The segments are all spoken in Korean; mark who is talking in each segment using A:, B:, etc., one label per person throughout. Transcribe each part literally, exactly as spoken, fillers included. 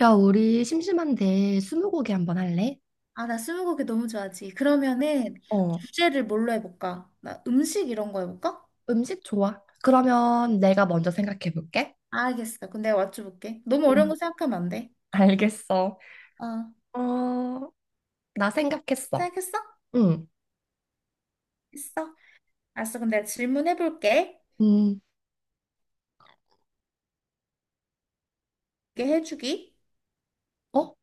A: 야, 우리 심심한데 스무고개 한번 할래?
B: 아, 나 스무고개 너무 좋아하지. 그러면은
A: 어,
B: 주제를 뭘로 해볼까? 나 음식 이런 거 해볼까?
A: 음식 좋아. 그러면 내가 먼저 생각해 볼게.
B: 알겠어. 그럼 내가 맞춰볼게. 너무 어려운
A: 응.
B: 거 생각하면 안 돼.
A: 알겠어.
B: 어,
A: 어, 나 생각했어.
B: 생각했어?
A: 응.
B: 있어. 알았어. 그럼 내가 질문해볼게.
A: 음,
B: 이게 해주기.
A: 어?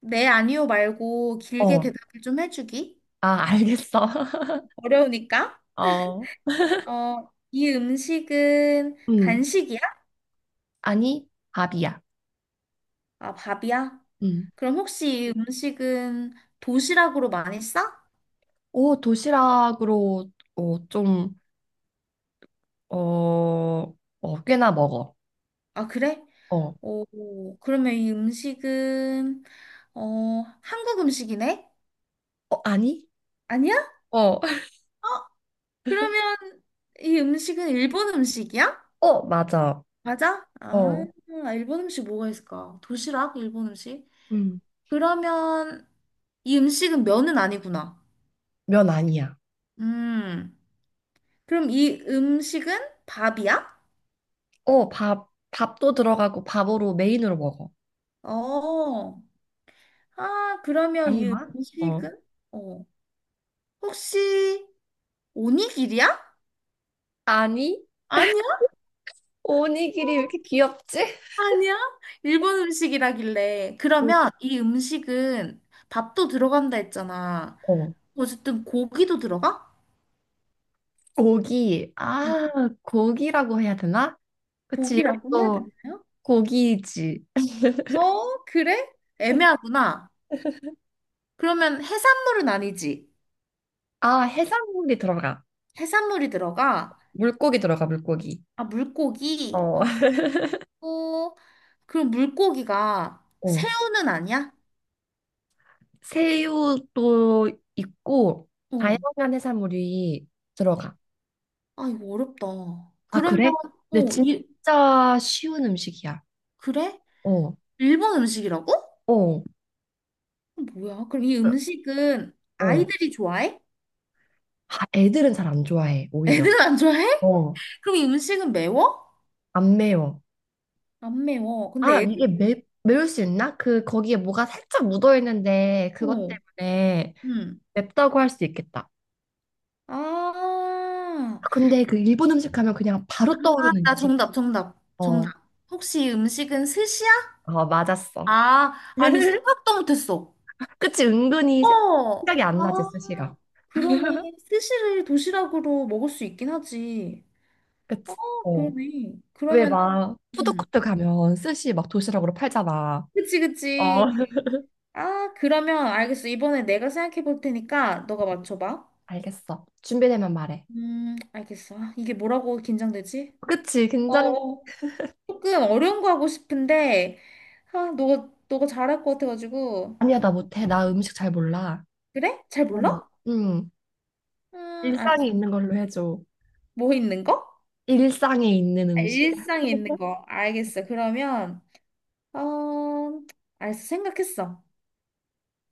B: 네, 아니요 말고 길게
A: 어.
B: 대답을 좀 해주기.
A: 아, 알겠어.
B: 어려우니까.
A: 어.
B: 어, 이 음식은
A: 음,
B: 간식이야?
A: 아니, 밥이야.
B: 아, 밥이야?
A: 음.
B: 그럼 혹시 이 음식은 도시락으로 많이 싸?
A: 오, 도시락으로, 어, 좀, 어, 어, 꽤나 먹어.
B: 아, 그래?
A: 어.
B: 오, 그러면 이 음식은, 어, 한국 음식이네?
A: 어, 아니?
B: 아니야?
A: 어.
B: 어, 그러면 이 음식은 일본 음식이야?
A: 어, 맞아.
B: 맞아? 아,
A: 어.
B: 일본 음식 뭐가 있을까? 도시락? 일본 음식?
A: 음.
B: 그러면 이 음식은 면은 아니구나.
A: 면 아니야.
B: 음, 그럼 이 음식은 밥이야?
A: 어, 밥, 밥도 들어가고 밥으로 메인으로 먹어.
B: 어, 아, 그러면 이
A: 아니만? 어.
B: 음식은, 어, 혹시 오니기리야?
A: 아니,
B: 아니
A: 오니기리 왜 이렇게 귀엽지?
B: 아니야? 일본 음식이라길래.
A: 응.
B: 그러면 이 음식은 밥도 들어간다 했잖아.
A: 어.
B: 어쨌든 고기도 들어가?
A: 고기. 아, 고기라고 해야 되나? 그치,
B: 고기라고 해야
A: 이것도
B: 되나요?
A: 고기지.
B: 어, 그래? 애매하구나. 그러면 해산물은 아니지.
A: 아, 해산물이 들어가.
B: 해산물이 들어가.
A: 물고기 들어가, 물고기.
B: 아, 물고기.
A: 어.
B: 어, 어. 그럼 물고기가
A: 어.
B: 새우는 아니야?
A: 새우도 있고,
B: 어.
A: 다양한 해산물이 들어가.
B: 아, 이거 어렵다.
A: 아,
B: 그러면,
A: 그래? 근데
B: 어, 이,
A: 진짜 쉬운 음식이야.
B: 그래?
A: 어,
B: 일본 음식이라고?
A: 어,
B: 어, 뭐야? 그럼 이 음식은
A: 어.
B: 아이들이 좋아해?
A: 아, 애들은 잘 안 좋아해, 오히려.
B: 애들은 안 좋아해?
A: 어,
B: 그럼 이 음식은 매워?
A: 안 매워.
B: 안 매워.
A: 아,
B: 근데 애들,
A: 이게 매, 매울 수 있나? 그, 거기에 뭐가 살짝 묻어있는데, 그것
B: 어,
A: 때문에
B: 응.
A: 맵다고 할 수 있겠다.
B: 아,
A: 아, 근데 그 일본 음식 하면 그냥 바로
B: 아,
A: 떠오르는
B: 나
A: 음식.
B: 정답, 정답,
A: 어,
B: 정답. 혹시 이 음식은 스시야?
A: 어, 맞았어.
B: 아, 아니, 생각도 못했어.
A: 그치, 은근히 세-
B: 어,
A: 생각이 안 나지,
B: 아,
A: 스시가.
B: 그러네. 스시를 도시락으로 먹을 수 있긴 하지. 어,
A: 그치? 어.
B: 그러네.
A: 왜
B: 그러면,
A: 막,
B: 음,
A: 푸드코트 가면 스시 막 도시락으로 팔잖아.
B: 그치,
A: 어.
B: 그치. 아, 그러면 알겠어. 이번에 내가 생각해 볼 테니까 너가 맞춰봐.
A: 알겠어. 준비되면 말해.
B: 음, 알겠어. 아, 이게 뭐라고 긴장되지?
A: 그치,
B: 어,
A: 긴장.
B: 어. 조금 어려운 거 하고 싶은데, 아, 너가, 너가 잘할 것 같아가지고.
A: 아니야, 나 못해. 나 음식 잘 몰라.
B: 그래? 잘
A: 어,
B: 몰라?
A: 음,
B: 음,
A: 일상에
B: 알았어.
A: 있는 걸로 해줘.
B: 뭐 있는 거?
A: 일상에 있는
B: 아,
A: 음식.
B: 일상에 있는 거. 알겠어. 그러면, 어, 알았어. 생각했어.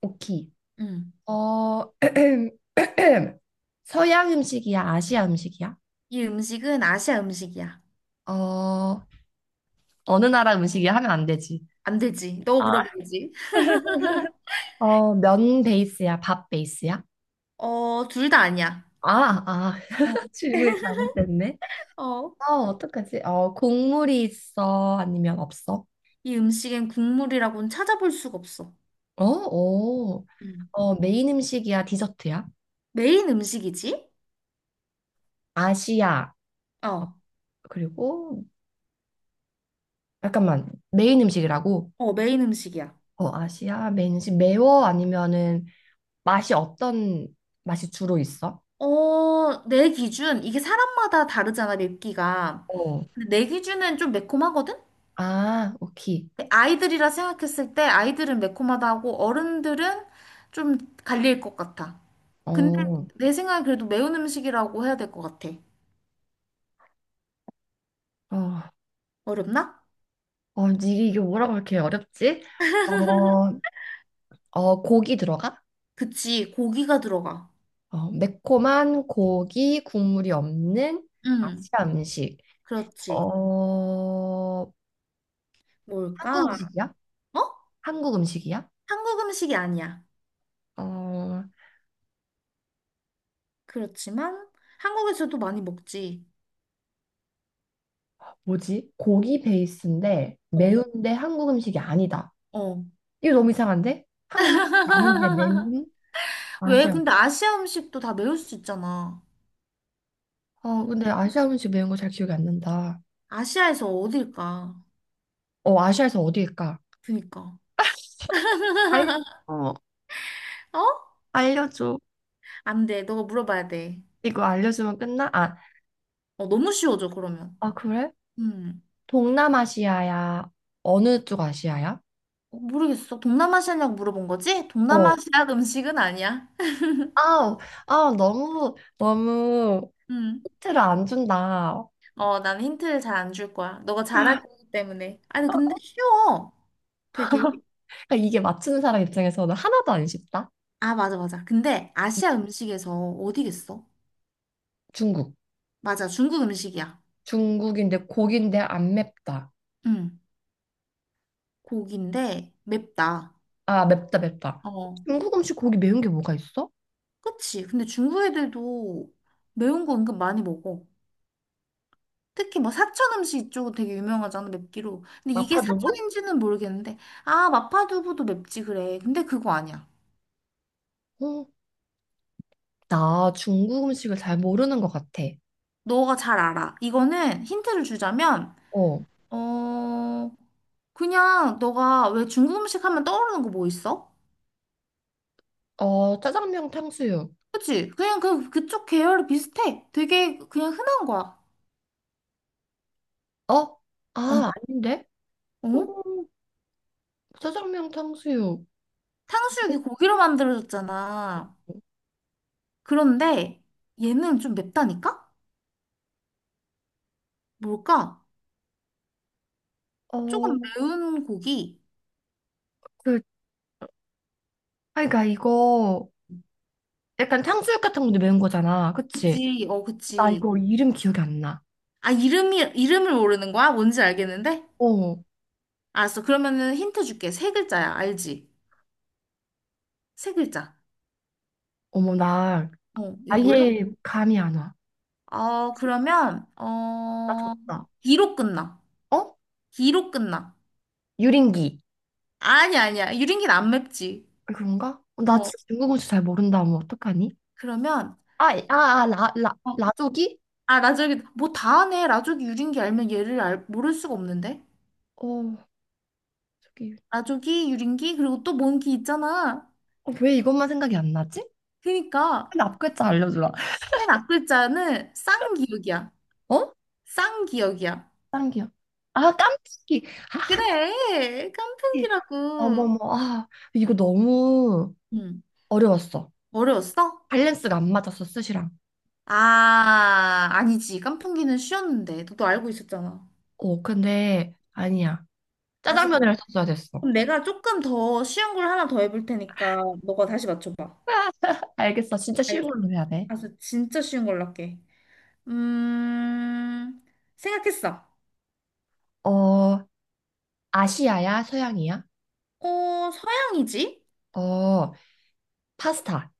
A: 오키.
B: 음.
A: 어, 서양 음식이야? 아시아 음식이야?
B: 이 음식은 아시아 음식이야.
A: 어, 어느 나라 음식이야 하면 안 되지.
B: 안 되지. 너
A: 아.
B: 물어봐야지.
A: 어, 면 베이스야? 밥 베이스야?
B: 어, 둘 다 아니야.
A: 아, 아,
B: 어.
A: 질문이 잘못됐네.
B: 어.
A: 어, 어떡하지? 어, 국물이 있어? 아니면 없어?
B: 이 음식엔 국물이라고는 찾아볼 수가 없어.
A: 어, 오.
B: 음.
A: 어, 메인 음식이야? 디저트야?
B: 메인 음식이지?
A: 아시아.
B: 어,
A: 그리고, 잠깐만, 메인 음식이라고?
B: 어, 메인 음식이야.
A: 어, 아시아 맨식 매워 아니면은 맛이 어떤 맛이 주로 있어?
B: 어, 내 기준, 이게 사람마다 다르잖아, 맵기가.
A: 어.
B: 근데 내 기준은 좀 매콤하거든?
A: 아, 오케이.
B: 근데 아이들이라 생각했을 때 아이들은 매콤하다고 어른들은 좀 갈릴 것 같아.
A: 어.
B: 근데
A: 어.
B: 내 생각엔 그래도 매운 음식이라고 해야 될 것 같아. 어렵나?
A: 어, 이게 이게 뭐라고 이렇게 어렵지? 어, 어, 고기 들어가?
B: 그치, 고기가 들어가.
A: 어, 매콤한 고기 국물이 없는
B: 응,
A: 아시아 음식.
B: 그렇지.
A: 어, 한국
B: 뭘까?
A: 음식이야?
B: 어?
A: 한국 음식이야?
B: 한국 음식이 아니야.
A: 어,
B: 그렇지만 한국에서도 많이 먹지.
A: 뭐지? 고기 베이스인데
B: 어,
A: 매운데 한국 음식이 아니다.
B: 어.
A: 이거 너무 이상한데? 한국 음식 아닌데 매운
B: 왜?
A: 아시아.
B: 근데 아시아 음식도 다 매울 수 있잖아.
A: 아, 근데 아시아 음식 매운 거 잘 기억이 안 난다.
B: 아시아에서 어딜까?
A: 어, 아시아에서 어디일까?
B: 그니까.
A: 알려. 어,
B: 어?
A: 알려줘.
B: 안 돼. 너가 물어봐야 돼.
A: 이거 알려주면 끝나? 아,
B: 어, 너무 쉬워져, 그러면.
A: 아, 그래?
B: 음.
A: 동남아시아야. 어느 쪽 아시아야?
B: 어, 모르겠어. 동남아시아냐고 물어본 거지?
A: 어.
B: 동남아시아 음식은 아니야.
A: 아우, 아, 너무, 너무
B: 음.
A: 힌트를 안 준다.
B: 어, 난 힌트를 잘 안 줄 거야. 너가 잘할 거기 때문에. 아니, 근데 쉬워. 되게.
A: 그러니까 이게 맞추는 사람 입장에서는 하나도 안 쉽다.
B: 아, 맞아, 맞아. 근데 아시아 음식에서 어디겠어?
A: 중국.
B: 맞아, 중국 음식이야.
A: 중국인데 고기인데 안 맵다.
B: 응, 고기인데 맵다.
A: 아, 맵다, 맵다.
B: 어,
A: 중국 음식 고기 매운 게 뭐가 있어?
B: 그치? 근데 중국 애들도 매운 거 은근 많이 먹어. 특히 뭐 사천 음식 이쪽은 되게 유명하잖아, 맵기로. 근데 이게
A: 마파두부?
B: 사천인지는 모르겠는데, 아, 마파두부도 맵지, 그래. 근데 그거 아니야.
A: 어, 나 중국 음식을 잘 모르는 것 같아.
B: 너가 잘 알아. 이거는 힌트를 주자면,
A: 어,
B: 어, 그냥 너가 왜 중국 음식 하면 떠오르는 거 뭐 있어?
A: 어, 짜장면 탕수육.
B: 그치? 그냥 그, 그쪽 계열이 비슷해. 되게 그냥 흔한 거야.
A: 어?
B: 어,
A: 아, 아닌데? 어,
B: 어?
A: 짜장면 탕수육.
B: 탕수육이 고기로 만들어졌잖아. 그런데 얘는 좀 맵다니까? 뭘까?
A: 어,
B: 조금 매운 고기.
A: 그, 아, 그러니까 이거 약간 탕수육 같은 건데 매운 거잖아. 그치?
B: 그치, 어,
A: 나
B: 그치.
A: 이거 이름 기억이 안 나.
B: 아, 이름이, 이름을 모르는 거야? 뭔지 알겠는데?
A: 어,
B: 알았어. 그러면은 힌트 줄게. 세 글자야. 알지? 세 글자.
A: 어머, 나
B: 어, 이거 몰라?
A: 아예 감이 안 와.
B: 어, 그러면,
A: 나
B: 어,
A: 졌다.
B: 기로 끝나.
A: 어?
B: 기로 끝나.
A: 유린기.
B: 아니, 아니야. 유린기는 안 맵지.
A: 그런가? 어, 나
B: 어,
A: 진짜 중국 음식 잘 모른다. 뭐, 어떡하니?
B: 그러면,
A: 아, 아, 아, 라, 라,
B: 어,
A: 라조기?
B: 아, 라조기, 뭐 다 하네. 라조기 유린기 알면 얘를 알, 모를 수가 없는데?
A: 어, 저기.
B: 나조기, 유린기, 그리고 또 뭔 기 있잖아.
A: 어, 왜 이것만 생각이 안 나지?
B: 그니까
A: 근데 앞글자 알려주라.
B: 맨 앞글자는 쌍기역이야.
A: 어?
B: 쌍기역이야.
A: 다른 기억. 아, 깜짝이. 아,
B: 그래,
A: 예.
B: 깐풍기라고.
A: 어머머. 아, 이거 너무
B: 응,
A: 어려웠어.
B: 어려웠어?
A: 밸런스가 안 맞았어, 스시랑.
B: 아, 아니지. 깐풍기는 쉬웠는데. 너도 알고 있었잖아.
A: 어, 근데 아니야. 짜장
B: 알았어.
A: 면이
B: 그럼
A: 했 썼어야 됐어.
B: 그럼 내가 조금 더 쉬운 걸 하나 더 해볼 테니까 너가 다시 맞춰봐.
A: 알겠어. 진짜 쉬운
B: 알겠어.
A: 걸로 해야 돼.
B: 알았어. 진짜 쉬운 걸로 할게. 음, 생각했어.
A: 어, 아시아야, 서양이야?
B: 어, 서양이지?
A: 어, 파스타.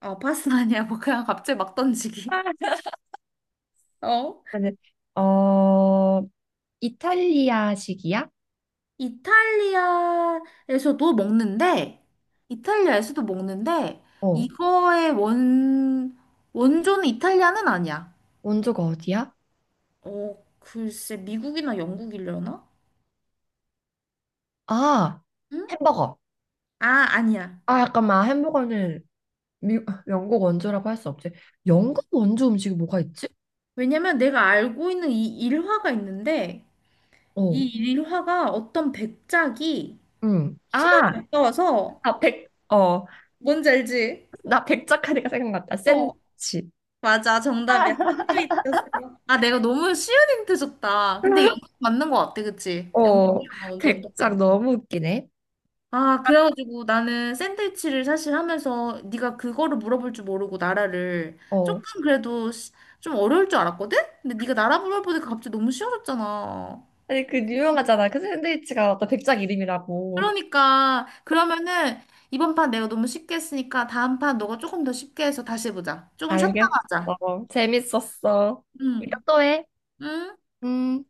B: 어, 파스 아니야. 뭐 그냥 갑자기 막 던지기. 어?
A: 근데, 어, 이탈리아식이야?
B: 이탈리아에서도 먹는데, 이탈리아에서도 먹는데,
A: 어,
B: 이거의 원, 원조는 이탈리아는 아니야.
A: 원조가 어디야?
B: 어, 글쎄, 미국이나 영국이려나?
A: 아,
B: 응?
A: 햄버거.
B: 아, 아니야.
A: 아, 약간 막 햄버거는 미, 영국 원조라고 할 수 없지. 영국 원조 음식이 뭐가 있지?
B: 왜냐면 내가 알고 있는 이 일화가 있는데,
A: 어,
B: 이 일화가 어떤 백작이
A: 응.
B: 시간이
A: 아,
B: 아까워서,
A: 아, 백, 어,
B: 뭔지 알지?
A: 나 백작하니까 생각났다.
B: 어,
A: 샌드위치.
B: 맞아, 정답이야. 힌트었어 아, 내가 너무 쉬운 힌트 줬다. 근데 영국 맞는 거 같아, 그치?
A: 아, 어,
B: 영국이랑 언제였던
A: 백작
B: 거.
A: 너무 웃기네.
B: 아, 그래가지고 나는 샌드위치를 사실 하면서 네가 그거를 물어볼 줄 모르고 나라를
A: 어.
B: 조금 그래도 시- 좀 어려울 줄 알았거든? 근데 네가 나라 물어보니까 갑자기 너무 쉬워졌잖아.
A: 아니, 그 유명하잖아. 그 샌드위치가 어떤 백작 이름이라고.
B: 그러니까 그러면은 이번 판 내가 너무 쉽게 했으니까 다음 판 너가 조금 더 쉽게 해서 다시 해보자. 조금 쉬었다가 하자.
A: 알겠어. 재밌었어. 이따
B: 응.
A: 또 해.
B: 응?
A: 음.